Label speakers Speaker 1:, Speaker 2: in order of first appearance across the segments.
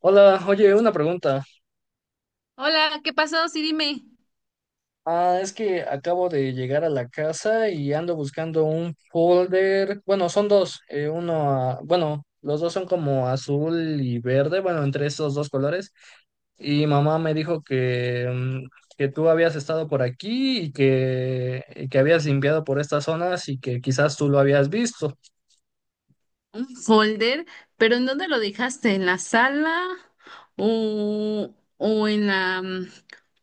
Speaker 1: Hola, oye, una pregunta.
Speaker 2: Hola, ¿qué pasó? Sí, dime.
Speaker 1: Ah, es que acabo de llegar a la casa y ando buscando un folder. Bueno, son dos. Uno, ah, bueno, los dos son como azul y verde, bueno, entre esos dos colores. Y mamá me dijo que que tú habías estado por aquí y y que habías limpiado por estas zonas y que quizás tú lo habías visto.
Speaker 2: Un folder, pero ¿en dónde lo dejaste? ¿En la sala o,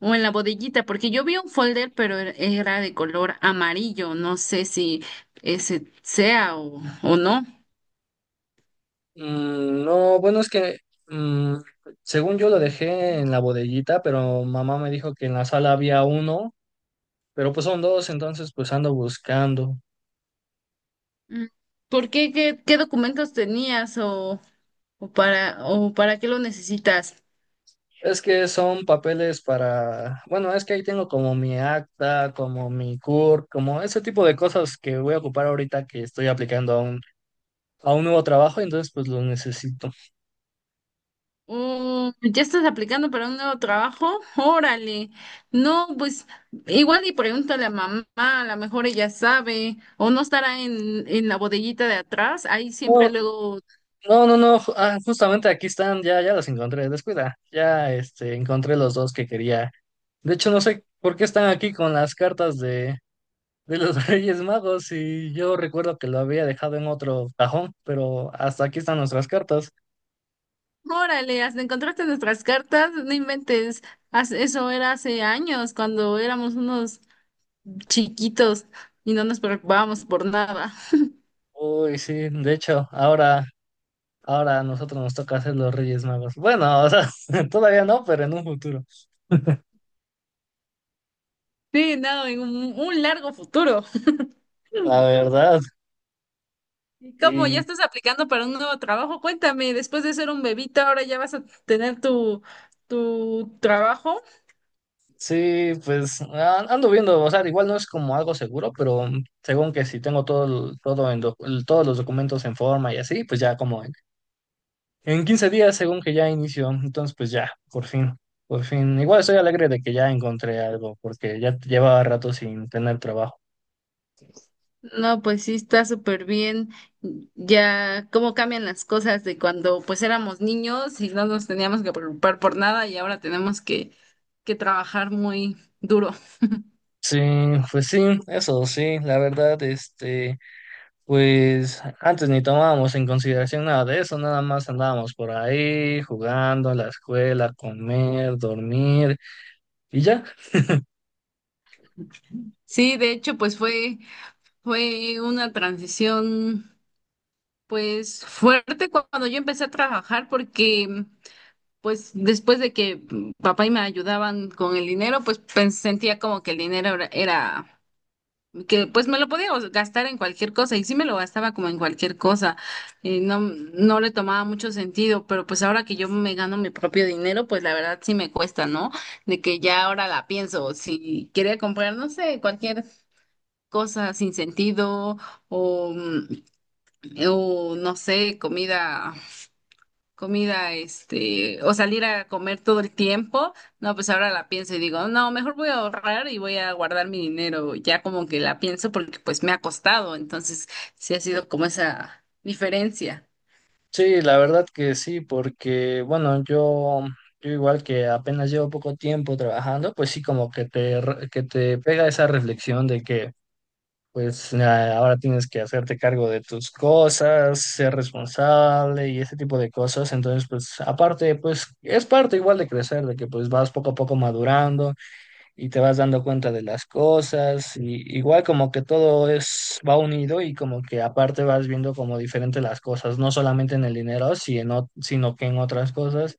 Speaker 2: o en la bodeguita? Porque yo vi un folder, pero era de color amarillo. No sé si ese sea o no.
Speaker 1: Mm, no, bueno, es que... mm, según yo lo dejé en la bodellita, pero mamá me dijo que en la sala había uno. Pero pues son dos, entonces pues ando buscando.
Speaker 2: Mm, ¿por qué? ¿Qué documentos tenías o para qué lo necesitas?
Speaker 1: Es que son papeles para, bueno, es que ahí tengo como mi acta, como mi CUR, como ese tipo de cosas que voy a ocupar ahorita que estoy aplicando a a un nuevo trabajo, entonces pues los necesito.
Speaker 2: Mm, ¿ya estás aplicando para un nuevo trabajo? Órale. No, pues igual y pregúntale a mamá, a lo mejor ella sabe, o no estará en la bodeguita de atrás, ahí siempre
Speaker 1: No,
Speaker 2: luego.
Speaker 1: no, justamente aquí están, ya los encontré, descuida, ya este, encontré los dos que quería. De hecho, no sé por qué están aquí con las cartas de los Reyes Magos y yo recuerdo que lo había dejado en otro cajón, pero hasta aquí están nuestras cartas.
Speaker 2: Órale, hasta encontraste nuestras cartas, no inventes. Eso era hace años, cuando éramos unos chiquitos y no nos preocupábamos por nada.
Speaker 1: Uy, sí, de hecho, ahora a nosotros nos toca hacer los Reyes Magos. Bueno, o sea, todavía no, pero en un futuro,
Speaker 2: Sí, nada, en un largo futuro.
Speaker 1: la verdad.
Speaker 2: ¿Y cómo ya
Speaker 1: Y
Speaker 2: estás aplicando para un nuevo trabajo? Cuéntame, después de ser un bebito, ahora ya vas a tener tu trabajo.
Speaker 1: sí, pues ando viendo, o sea, igual no es como algo seguro, pero según que si tengo todo, todos los documentos en forma y así, pues ya como en 15 días, según que ya inició, entonces pues ya, por por fin. Igual estoy alegre de que ya encontré algo, porque ya llevaba rato sin tener trabajo.
Speaker 2: No, pues sí, está súper bien. Ya cómo cambian las cosas de cuando pues éramos niños y no nos teníamos que preocupar por nada y ahora tenemos que trabajar muy duro.
Speaker 1: Sí, pues sí, eso sí, la verdad, este. Pues antes ni tomábamos en consideración nada de eso, nada más andábamos por ahí jugando a la escuela, comer, dormir y ya.
Speaker 2: Sí, de hecho, pues fue una transición pues fuerte cuando yo empecé a trabajar porque pues después de que papá y me ayudaban con el dinero, pues, sentía como que el dinero que pues me lo podía gastar en cualquier cosa y sí me lo gastaba como en cualquier cosa. Y no, no le tomaba mucho sentido, pero pues ahora que yo me gano mi propio dinero, pues la verdad sí me cuesta, ¿no? De que ya ahora la pienso, si quería comprar, no sé, cualquier cosa sin sentido o, mm, o no sé, comida, este, o salir a comer todo el tiempo. No, pues ahora la pienso y digo, no, mejor voy a ahorrar y voy a guardar mi dinero, ya como que la pienso porque pues me ha costado, entonces sí ha sido como esa diferencia.
Speaker 1: Sí, la verdad que sí, porque bueno, yo igual que apenas llevo poco tiempo trabajando, pues sí como que que te pega esa reflexión de que pues ahora tienes que hacerte cargo de tus cosas, ser responsable y ese tipo de cosas. Entonces, pues aparte, pues es parte igual de crecer, de que pues vas poco a poco madurando y te vas dando cuenta de las cosas, y igual como que todo es, va unido y como que aparte vas viendo como diferente las cosas, no solamente en el dinero, sino que en otras cosas,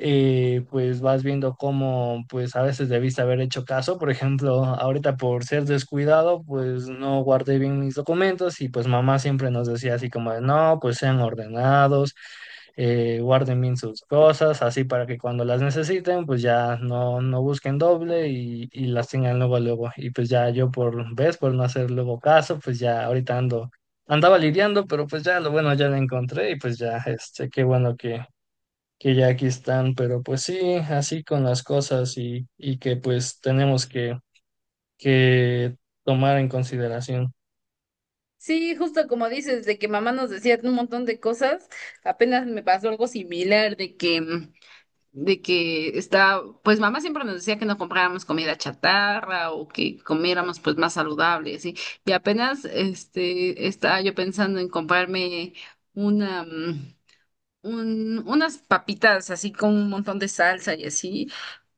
Speaker 1: pues vas viendo cómo pues a veces debiste haber hecho caso. Por ejemplo, ahorita por ser descuidado, pues no guardé bien mis documentos y pues mamá siempre nos decía así como de, no, pues sean ordenados, guarden bien sus cosas, así para que cuando las necesiten, pues ya no busquen doble y las tengan luego, luego. Y pues ya yo por, ves, por no hacer luego caso, pues ya ahorita ando. Andaba lidiando, pero pues ya lo bueno ya lo encontré y pues ya, este, qué bueno que ya aquí están, pero pues sí, así con las cosas y que pues tenemos que tomar en consideración.
Speaker 2: Sí, justo como dices, de que mamá nos decía un montón de cosas, apenas me pasó algo similar, de que está, pues mamá siempre nos decía que no compráramos comida chatarra o que comiéramos pues más saludable, así. Y apenas este estaba yo pensando en comprarme una, mm, unas papitas así con un montón de salsa y así,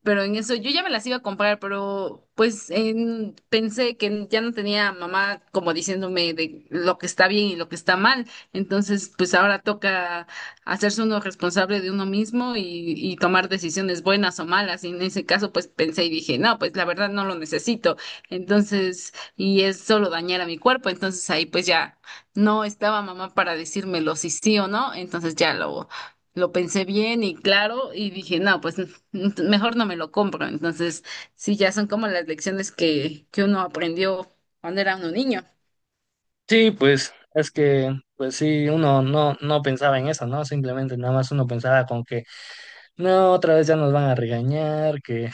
Speaker 2: pero en eso yo ya me las iba a comprar, pero pues pensé que ya no tenía mamá como diciéndome de lo que está bien y lo que está mal, entonces pues ahora toca hacerse uno responsable de uno mismo y tomar decisiones buenas o malas, y en ese caso pues pensé y dije, no, pues la verdad no lo necesito, entonces, y es solo dañar a mi cuerpo, entonces ahí pues ya. No estaba mamá para decírmelo si sí o no, entonces ya lo pensé bien y claro y dije, no, pues mejor no me lo compro. Entonces, sí, ya son como las lecciones que uno aprendió cuando era uno niño.
Speaker 1: Sí, pues es que, pues sí, uno no pensaba en eso, ¿no? Simplemente nada más uno pensaba con que, no, otra vez ya nos van a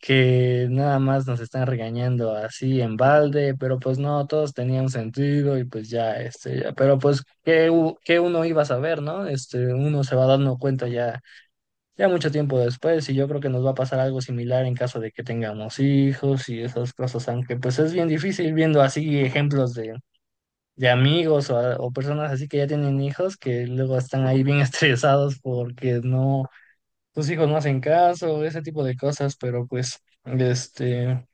Speaker 1: que nada más nos están regañando así en balde, pero pues no, todos tenían sentido y pues ya, este, ya, pero pues, ¿qué, qué uno iba a saber, ¿no? Este, uno se va dando cuenta ya mucho tiempo después y yo creo que nos va a pasar algo similar en caso de que tengamos hijos y esas cosas, aunque pues es bien difícil viendo así ejemplos de amigos o o personas así que ya tienen hijos que luego están ahí bien estresados porque no, sus hijos no hacen caso, ese tipo de cosas, pero pues este...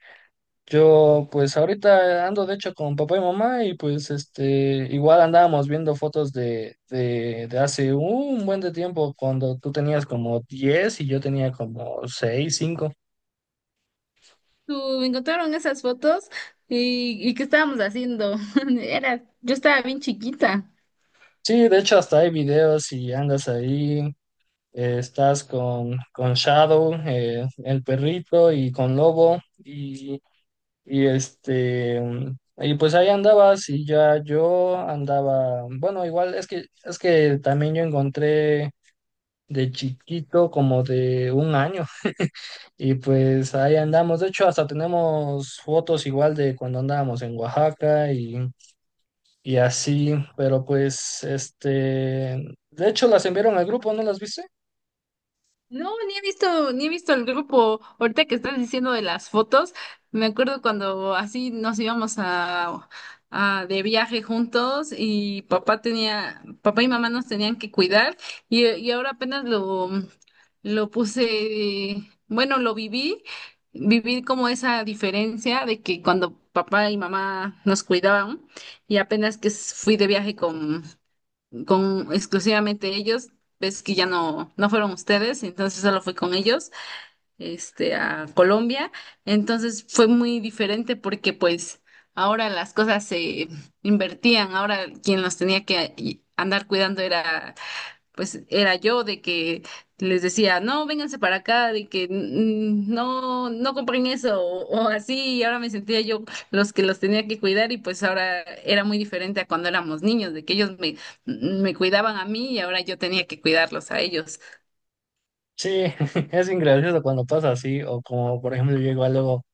Speaker 1: Yo pues ahorita ando de hecho con papá y mamá y pues este igual andábamos viendo fotos de hace un buen de tiempo cuando tú tenías como 10 y yo tenía como seis, cinco.
Speaker 2: ¿Tú encontraron esas fotos? Y qué estábamos haciendo? Era, yo estaba bien chiquita.
Speaker 1: Sí, de hecho hasta hay videos y andas ahí, estás con Shadow, el perrito y con Lobo y este... Y pues ahí andabas y ya yo andaba, bueno, igual es que también yo encontré de chiquito, como de un año. Y pues ahí andamos. De hecho, hasta tenemos fotos igual de cuando andábamos en Oaxaca y así. Pero pues, este, de hecho las enviaron al grupo, ¿no las viste?
Speaker 2: No, ni he visto el grupo. Ahorita que estás diciendo de las fotos, me acuerdo cuando así nos íbamos a de viaje juntos y papá y mamá nos tenían que cuidar y ahora apenas lo puse, bueno, lo viví, viví como esa diferencia de que cuando papá y mamá nos cuidaban y apenas que fui de viaje con exclusivamente ellos. Ves que ya no, no fueron ustedes, entonces solo fue con ellos, este, a Colombia. Entonces fue muy diferente porque pues ahora las cosas se invertían, ahora quien los tenía que andar cuidando era pues era yo de que les decía, no, vénganse para acá, de que "Mm, no, no compren eso o así", y ahora me sentía yo los que los tenía que cuidar y pues ahora era muy diferente a cuando éramos niños, de que me cuidaban a mí y ahora yo tenía que cuidarlos a ellos.
Speaker 1: Sí, es ingracioso cuando pasa así. O como, por ejemplo, yo igual luego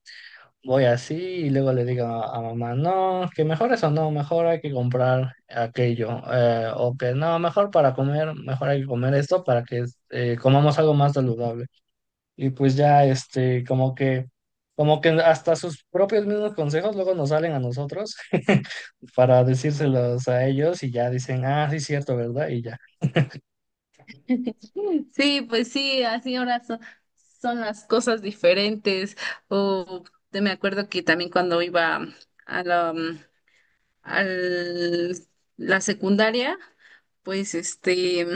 Speaker 1: voy así y luego le digo a mamá, no, que mejor eso no, mejor hay que comprar aquello. O que no, mejor para comer, mejor hay que comer esto para que comamos algo más saludable. Y pues ya, este, como como que hasta sus propios mismos consejos luego nos salen a nosotros para decírselos a ellos y ya dicen, ah, sí, cierto, ¿verdad? Y ya.
Speaker 2: Sí, pues sí, así ahora son, son las cosas diferentes o me acuerdo que también cuando iba a la, mm, al- la secundaria, pues este...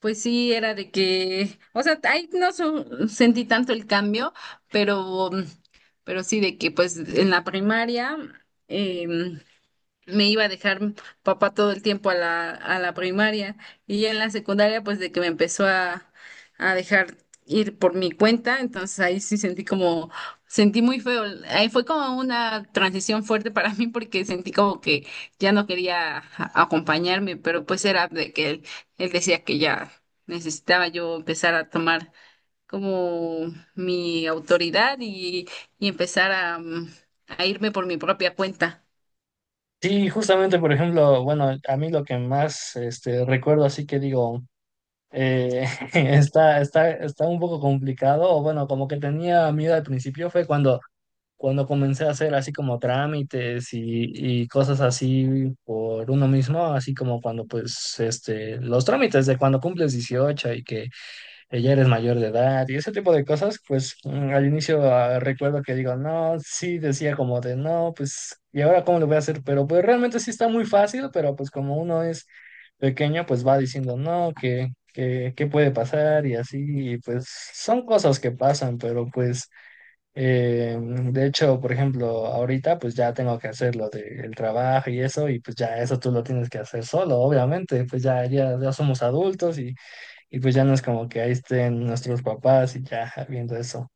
Speaker 2: Pues sí, era de que, o sea, ahí no so- sentí tanto el cambio, pero, pero sí de que pues en la primaria em, me iba a dejar papá todo el tiempo a la primaria y ya en la secundaria pues de que me empezó a dejar ir por mi cuenta, entonces ahí sí sentí como, sentí muy feo, ahí fue como una transición fuerte para mí porque sentí como que ya no quería acompañarme, pero pues era de que él decía que ya necesitaba yo empezar a tomar como mi autoridad y empezar a irme por mi propia cuenta.
Speaker 1: Sí, justamente, por ejemplo, bueno, a mí lo que más, este, recuerdo así que digo, eh, está un poco complicado, o bueno, como que tenía miedo al principio fue cuando comencé a hacer así como trámites y cosas así por uno mismo, así como cuando pues este, los trámites de cuando cumples 18 y que ya eres mayor de edad y ese tipo de cosas, pues al inicio recuerdo que digo, no, sí, decía como de no, pues, ¿y ahora cómo lo voy a hacer? Pero pues realmente sí está muy fácil, pero pues como uno es pequeño, pues va diciendo, no, que... qué ¿Qué puede pasar? Y así, y pues son cosas que pasan, pero pues de hecho, por ejemplo, ahorita pues ya tengo que hacer lo del trabajo y eso, y pues ya eso tú lo tienes que hacer solo, obviamente, pues ya, ya somos adultos y pues ya no es como que ahí estén nuestros papás y ya viendo eso.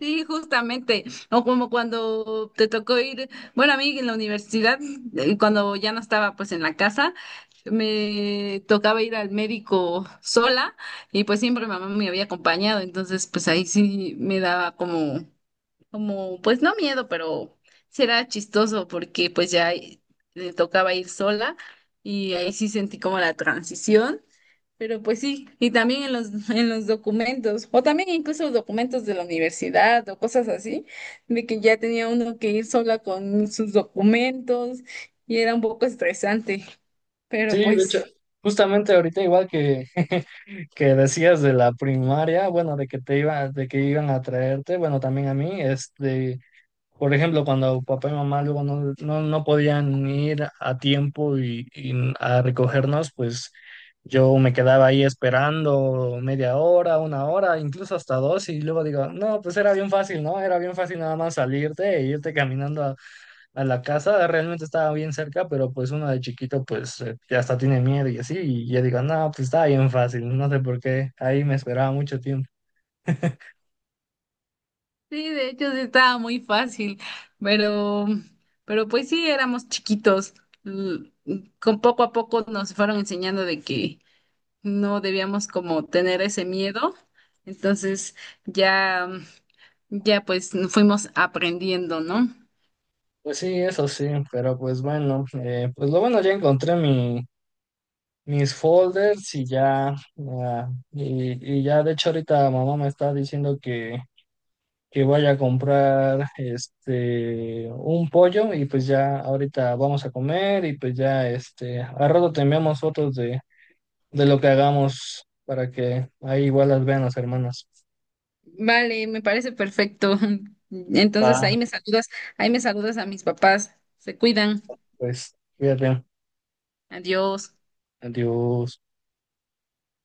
Speaker 2: Sí, justamente. O como cuando te tocó ir, bueno, a mí en la universidad, cuando ya no estaba pues en la casa, me tocaba ir al médico sola y pues siempre mamá me había acompañado, entonces pues ahí sí me daba como, pues no miedo, pero será chistoso porque pues ya me tocaba ir sola y ahí sí sentí como la transición. Pero pues sí, y también en los, en los documentos, o también incluso documentos de la universidad o cosas así, de que ya tenía uno que ir sola con sus documentos y era un poco estresante,
Speaker 1: Sí,
Speaker 2: pero
Speaker 1: de hecho,
Speaker 2: pues
Speaker 1: justamente ahorita igual que que decías de la primaria, bueno, de que te iba, de que iban a traerte, bueno, también a mí, este, por ejemplo, cuando papá y mamá luego no podían ir a tiempo y a recogernos, pues yo me quedaba ahí esperando media hora, una hora, incluso hasta dos, y luego digo, no, pues era bien fácil, ¿no? Era bien fácil nada más salirte e irte caminando a la casa, realmente estaba bien cerca, pero pues uno de chiquito pues ya hasta tiene miedo y así, y yo digo, no, pues estaba bien fácil, no sé por qué, ahí me esperaba mucho tiempo.
Speaker 2: sí, de hecho sí estaba muy fácil, pero, pero pues sí, éramos chiquitos, l- con poco a poco nos fueron enseñando de que no debíamos como tener ese miedo, entonces ya, ya pues fuimos aprendiendo, ¿no?
Speaker 1: Pues sí, eso sí, pero pues bueno, pues lo bueno ya encontré mi mis folders y ya, y ya de hecho ahorita mamá me está diciendo que vaya a comprar este un pollo y pues ya ahorita vamos a comer y pues ya este a rato te enviamos fotos de lo que hagamos para que ahí igual las vean las hermanas.
Speaker 2: Vale, me parece perfecto. Entonces
Speaker 1: Va,
Speaker 2: ahí me saludas a mis papás. Se cuidan.
Speaker 1: pues cuídate.
Speaker 2: Adiós.
Speaker 1: Adiós.